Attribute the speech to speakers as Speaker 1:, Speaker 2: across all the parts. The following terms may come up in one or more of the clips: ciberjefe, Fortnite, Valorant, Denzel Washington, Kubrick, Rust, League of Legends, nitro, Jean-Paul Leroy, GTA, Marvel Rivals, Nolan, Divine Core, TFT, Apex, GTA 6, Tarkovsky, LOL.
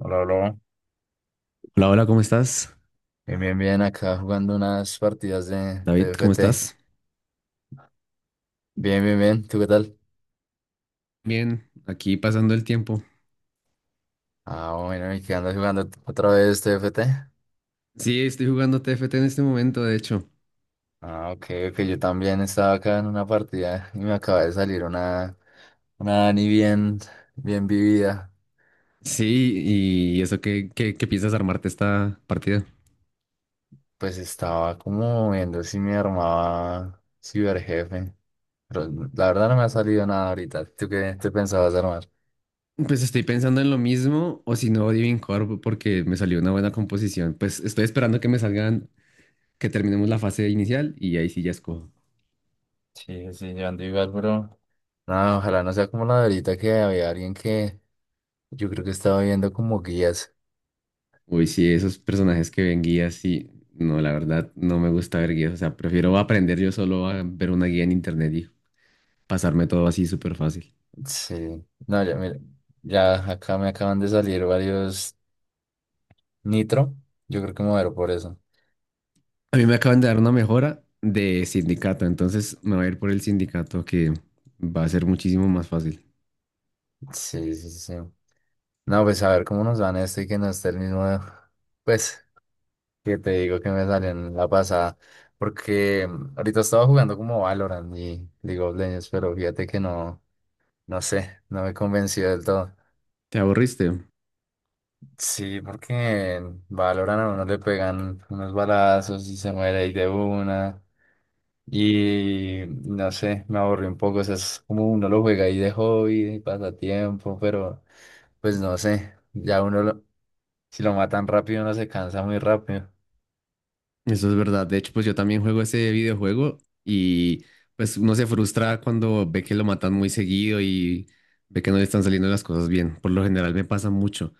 Speaker 1: Hola, hola.
Speaker 2: Hola, hola, ¿cómo estás?
Speaker 1: Bien, bien, bien. Acá jugando unas partidas de
Speaker 2: David, ¿cómo
Speaker 1: TFT.
Speaker 2: estás?
Speaker 1: Bien, bien, bien. ¿Tú qué tal?
Speaker 2: Bien, aquí pasando el tiempo.
Speaker 1: Ah, bueno, ¿y qué andas jugando otra vez TFT?
Speaker 2: Sí, estoy jugando T F T en este momento, de hecho.
Speaker 1: Ah, ok, ok. Yo también estaba acá en una partida y me acaba de salir una Dani bien vivida.
Speaker 2: Sí, y eso, ¿qué piensas armarte esta partida?
Speaker 1: Pues estaba como viendo si me armaba ciberjefe. Pero la verdad no me ha salido nada ahorita. ¿Tú qué te pensabas armar?
Speaker 2: Pues estoy pensando en lo mismo, o si no, Divine Core, porque me salió una buena composición. Pues estoy esperando que me salgan, que terminemos la fase inicial y ahí sí ya escojo.
Speaker 1: Sí, sí, yo ando igual, bro. No, ojalá no sea como la de ahorita que había alguien que... Yo creo que estaba viendo como guías.
Speaker 2: Uy, sí, esos personajes que ven guías, sí. No, la verdad, no me gusta ver guías. O sea, prefiero aprender yo solo a ver una guía en internet y pasarme todo así súper fácil.
Speaker 1: Sí. No, ya, mira, ya acá me acaban de salir varios nitro. Yo creo que me voy a ver por eso.
Speaker 2: A mí me acaban de dar una mejora de sindicato, entonces me voy a ir por el sindicato que va a ser muchísimo más fácil.
Speaker 1: Sí, sí, sí. No, pues a ver cómo nos van esto y que no esté el mismo. Pues, que te digo que me salió en la pasada. Porque ahorita estaba jugando como Valorant y League of Legends, pero fíjate que no, no sé, no me convenció del todo.
Speaker 2: ¿Te aburriste?
Speaker 1: Sí, porque en Valorant a uno le pegan unos balazos y se muere ahí de una. Y no sé, me aburrí un poco. O sea, es como uno lo juega ahí de hobby, de pasatiempo, pero pues no sé. Ya uno, si lo matan rápido, uno se cansa muy rápido.
Speaker 2: Eso es verdad. De hecho, pues yo también juego ese videojuego y pues uno se frustra cuando ve que lo matan muy seguido y ve que no le están saliendo las cosas bien. Por lo general me pasa mucho.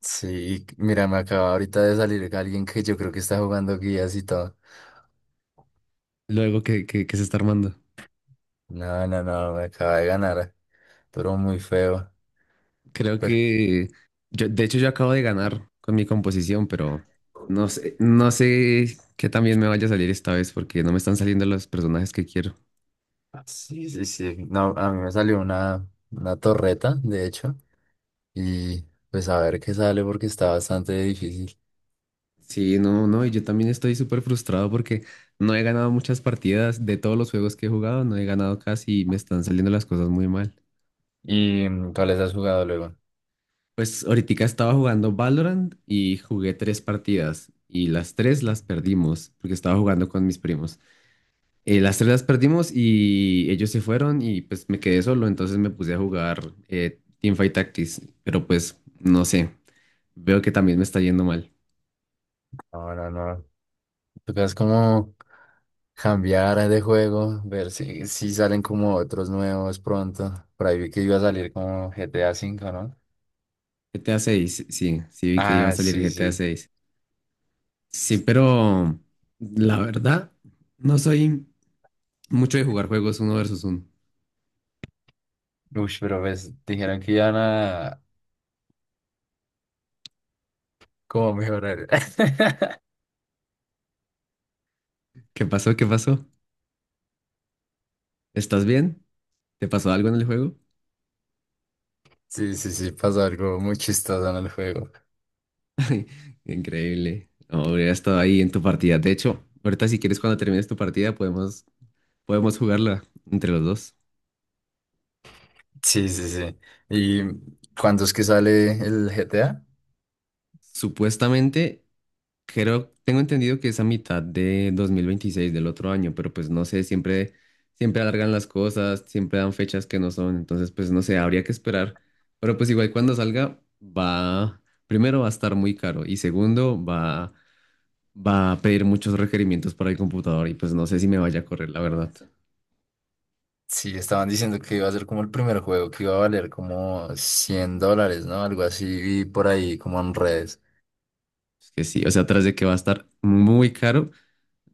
Speaker 1: Sí, mira, me acaba ahorita de salir alguien que yo creo que está jugando guías y todo.
Speaker 2: Luego que se está armando.
Speaker 1: No, no, no, me acaba de ganar. Pero muy feo.
Speaker 2: Creo
Speaker 1: Pero...
Speaker 2: que yo, de hecho, yo acabo de ganar con mi composición, pero no sé qué también me vaya a salir esta vez porque no me están saliendo los personajes que quiero.
Speaker 1: Sí, sí, sí. No, a mí me salió una torreta, de hecho. Y pues a ver qué sale porque está bastante difícil.
Speaker 2: Sí, no, no, y yo también estoy súper frustrado porque no he ganado muchas partidas de todos los juegos que he jugado, no he ganado casi y me están saliendo las cosas muy mal.
Speaker 1: ¿Y cuáles has jugado luego?
Speaker 2: Pues ahorita estaba jugando Valorant y jugué tres partidas y las tres las perdimos porque estaba jugando con mis primos. Las tres las perdimos y ellos se fueron y pues me quedé solo, entonces me puse a jugar Teamfight Tactics, pero pues no sé, veo que también me está yendo mal.
Speaker 1: No, no, no. Tocas como cambiar de juego, ver si salen como otros nuevos pronto. Por ahí vi que iba a salir como GTA 5, ¿no?
Speaker 2: GTA 6, sí, sí vi que iba a
Speaker 1: Ah,
Speaker 2: salir
Speaker 1: sí,
Speaker 2: GTA
Speaker 1: sí.
Speaker 2: 6. Sí, pero la verdad, no soy mucho de jugar juegos uno versus uno.
Speaker 1: Uy, pero pues dijeron que iban a como mejorar.
Speaker 2: ¿Qué pasó? ¿Qué pasó? ¿Estás bien? ¿Te pasó algo en el juego?
Speaker 1: Sí, sí, sí, pasa algo muy chistoso en el juego.
Speaker 2: Increíble. No, hubiera estado ahí en tu partida. De hecho, ahorita si quieres cuando termines tu partida podemos jugarla entre los dos.
Speaker 1: Sí, sí, sí. ¿Y cuándo es que sale el G T A?
Speaker 2: Supuestamente. Creo, tengo entendido que es a mitad de 2026 del otro año, pero pues no sé, siempre alargan las cosas, siempre dan fechas que no son, entonces pues no sé, habría que esperar. Pero pues igual cuando salga va, primero va a estar muy caro y segundo va, va a pedir muchos requerimientos para el computador y pues no sé si me vaya a correr, la verdad.
Speaker 1: Sí, estaban diciendo que iba a ser como el primer juego, que iba a valer como 100 dólares, ¿no? Algo así, y por ahí como en redes.
Speaker 2: Es que sí, o sea, tras de que va a estar muy caro,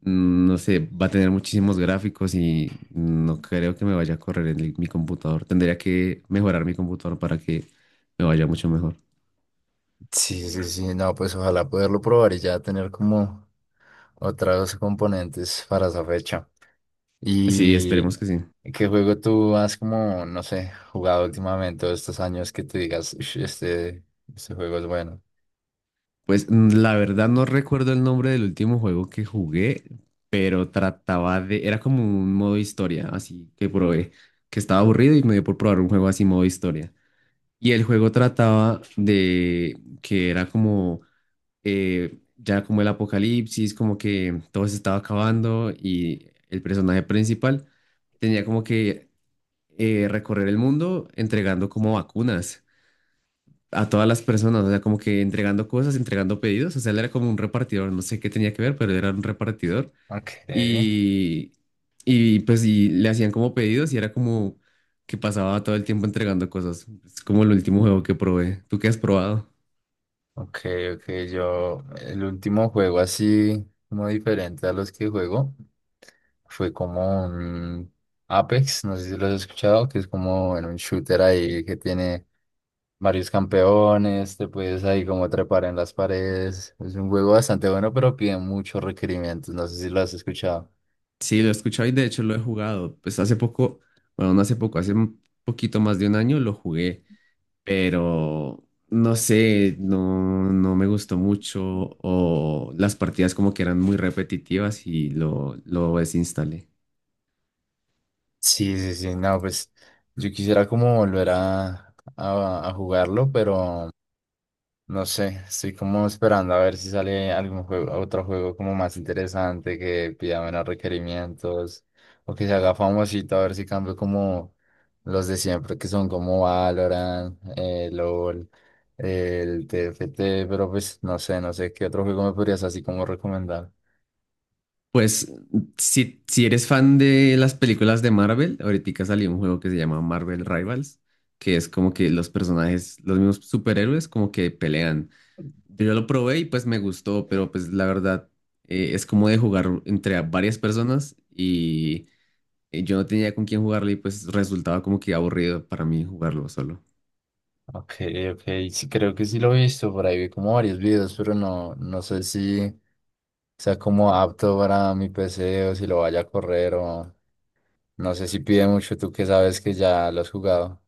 Speaker 2: no sé, va a tener muchísimos gráficos y no creo que me vaya a correr en el- mi computador. Tendría que mejorar mi computador para que me vaya mucho mejor.
Speaker 1: Sí, sí, sí, no, pues ojalá poderlo probar y ya tener como otros componentes para esa fecha.
Speaker 2: Sí,
Speaker 1: ¿Y
Speaker 2: esperemos que sí.
Speaker 1: qué juego tú has como, no sé, jugado últimamente o estos años que te digas, "Ush, este juego es bueno"?
Speaker 2: Pues la verdad no recuerdo el nombre del último juego que jugué, pero trataba de, era como un modo historia, así que probé, que estaba aburrido y me dio por probar un juego así modo historia. Y el juego trataba de que era como ya como el apocalipsis, como que todo se estaba acabando y el personaje principal tenía como que recorrer el mundo entregando como vacunas a todas las personas, o sea, como que entregando cosas, entregando pedidos, o sea, él era como un repartidor, no sé qué tenía que ver, pero era un repartidor
Speaker 1: Ok,
Speaker 2: y, y pues le hacían como pedidos y era como que pasaba todo el tiempo entregando cosas. Es como el último juego que probé. ¿Tú qué has probado?
Speaker 1: ok, ok, yo, el último juego así como diferente a los que juego fue como un Apex, no sé si lo has escuchado, que es como en un shooter ahí que tiene varios campeones, te puedes ahí como trepar en las paredes. Es un juego bastante bueno, pero pide muchos requerimientos. No sé si lo has escuchado.
Speaker 2: Sí, lo he escuchado y de hecho lo he jugado. Pues hace poco, bueno, no hace poco, hace un poquito más de un año lo jugué, pero no sé, no, no me gustó mucho o las partidas como que eran muy repetitivas y lo desinstalé.
Speaker 1: Sí, sí, sí, no, pues yo quisiera como volver a jugarlo, pero... No sé, estoy como esperando a ver si sale algún juego, otro juego como más interesante que pida menos requerimientos o que se haga famosito, a ver si cambio como los de siempre que son como Valorant, LOL, el T F T, pero pues no sé, no sé qué otro juego me podrías así como recomendar.
Speaker 2: Pues si, si eres fan de las películas de Marvel, ahorita salió un juego que se llama Marvel Rivals, que es como que los personajes, los mismos superhéroes como que pelean. Yo lo probé y pues me gustó, pero pues la verdad es como de jugar entre a varias personas y yo no tenía con quién jugarlo y pues resultaba como que aburrido para mí jugarlo solo.
Speaker 1: Ok, ok, sí creo que sí lo he visto, por ahí vi como varios videos, pero no, no sé si sea como apto para mi PC o si lo vaya a correr o... No sé si pide mucho, tú que sabes que ya lo has jugado.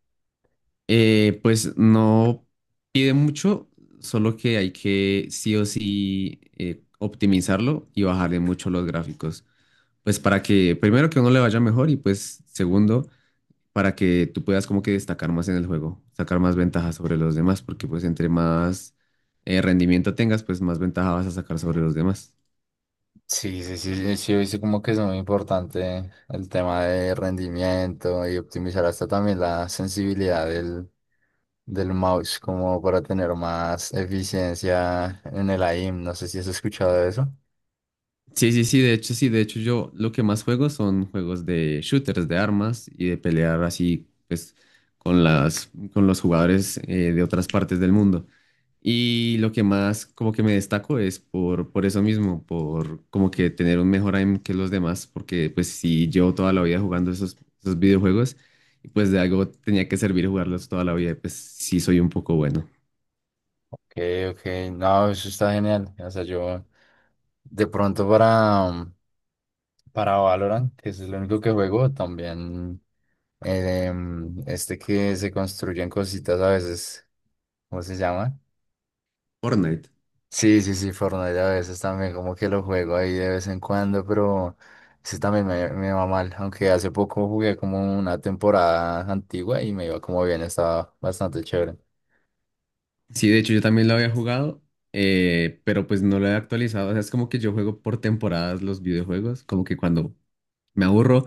Speaker 2: Pues no pide mucho, solo que hay que sí o sí optimizarlo y bajarle mucho los gráficos. Pues para que primero que uno le vaya mejor y pues segundo para que tú puedas como que destacar más en el juego, sacar más ventajas sobre los demás, porque pues entre más rendimiento tengas, pues más ventaja vas a sacar sobre los demás.
Speaker 1: Sí, sí, sí. Sí, sí, sí, como que es muy importante el tema de rendimiento y optimizar hasta también la sensibilidad del mouse, como para tener más eficiencia en el aim. No sé si has escuchado de eso.
Speaker 2: Sí, sí, sí, de hecho yo lo que más juego son juegos de shooters, de armas y de pelear así, pues, con con los jugadores de otras partes del mundo. Y lo que más como que me destaco es por eso mismo, por como que tener un mejor aim que los demás, porque pues si llevo toda la vida jugando esos videojuegos, y pues de algo tenía que servir jugarlos toda la vida, y pues sí soy un poco bueno.
Speaker 1: Ok, ok, no, eso está genial. O sea, yo de pronto para... Para Valorant, que es el único que juego, también este que se construyen cositas a veces, ¿cómo se llama?
Speaker 2: Fortnite.
Speaker 1: Sí, sí, sí, Fortnite a veces también como que lo juego ahí de vez en cuando, pero ese también me va mal, aunque hace poco jugué como una temporada antigua y me iba como bien, estaba bastante chévere.
Speaker 2: Sí, de hecho yo también lo había jugado, pero pues no lo he actualizado. O sea, es como que yo juego por temporadas los videojuegos, como que cuando me aburro,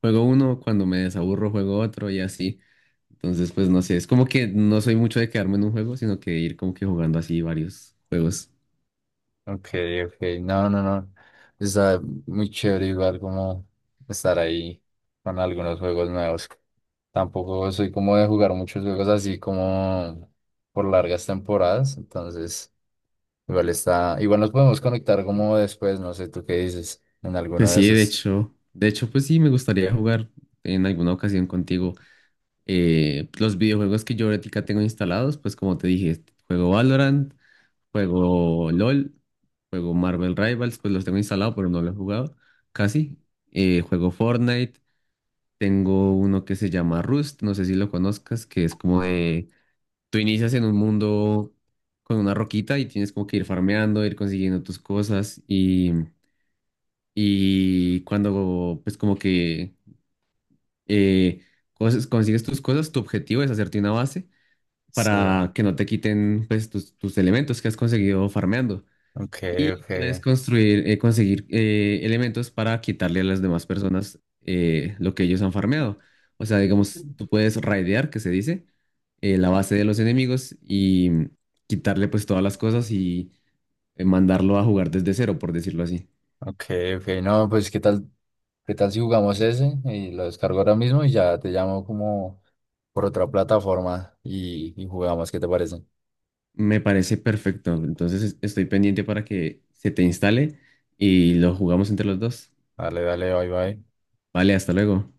Speaker 2: juego uno, cuando me desaburro, juego otro y así. Entonces, pues no sé, es como que no soy mucho de quedarme en un juego, sino que ir como que jugando así varios juegos.
Speaker 1: Ok, ok, no, no, no, está muy chévere igual como estar ahí con algunos juegos nuevos. Tampoco soy como de jugar muchos juegos así como por largas temporadas, entonces igual está, igual nos podemos conectar como después, no sé tú qué dices, en alguno
Speaker 2: Pues
Speaker 1: de
Speaker 2: sí, de
Speaker 1: esos.
Speaker 2: hecho, de hecho, pues sí, me gustaría jugar en alguna ocasión contigo los videojuegos que yo ahorita tengo instalados, pues como te dije, juego Valorant. Juego LOL, juego Marvel Rivals, pues los tengo instalado, pero no lo he jugado casi. Juego Fortnite, tengo uno que se llama Rust, no sé si lo conozcas, que es como de, tú inicias en un mundo con una roquita y tienes como que ir farmeando, ir consiguiendo tus cosas y cuando pues como que eh, cosas- consigues tus cosas, tu objetivo es hacerte una base
Speaker 1: Sí,
Speaker 2: para que no te quiten pues tus elementos que has conseguido farmeando.
Speaker 1: ok,
Speaker 2: Y
Speaker 1: ok.
Speaker 2: puedes construir, conseguir elementos para quitarle a las demás personas lo que ellos han farmeado. O sea, digamos, tú puedes raidear, que se dice, la base de los enemigos y quitarle pues todas las cosas y mandarlo a jugar desde cero, por decirlo así.
Speaker 1: Ok, ok, no, pues qué tal si jugamos ese y lo descargo ahora mismo y ya te llamo como por otra plataforma y jugamos, ¿qué te parece?
Speaker 2: Me parece perfecto. Entonces es- estoy pendiente para que se te instale y lo jugamos entre los dos.
Speaker 1: Dale, dale, bye, bye.
Speaker 2: Vale, hasta luego.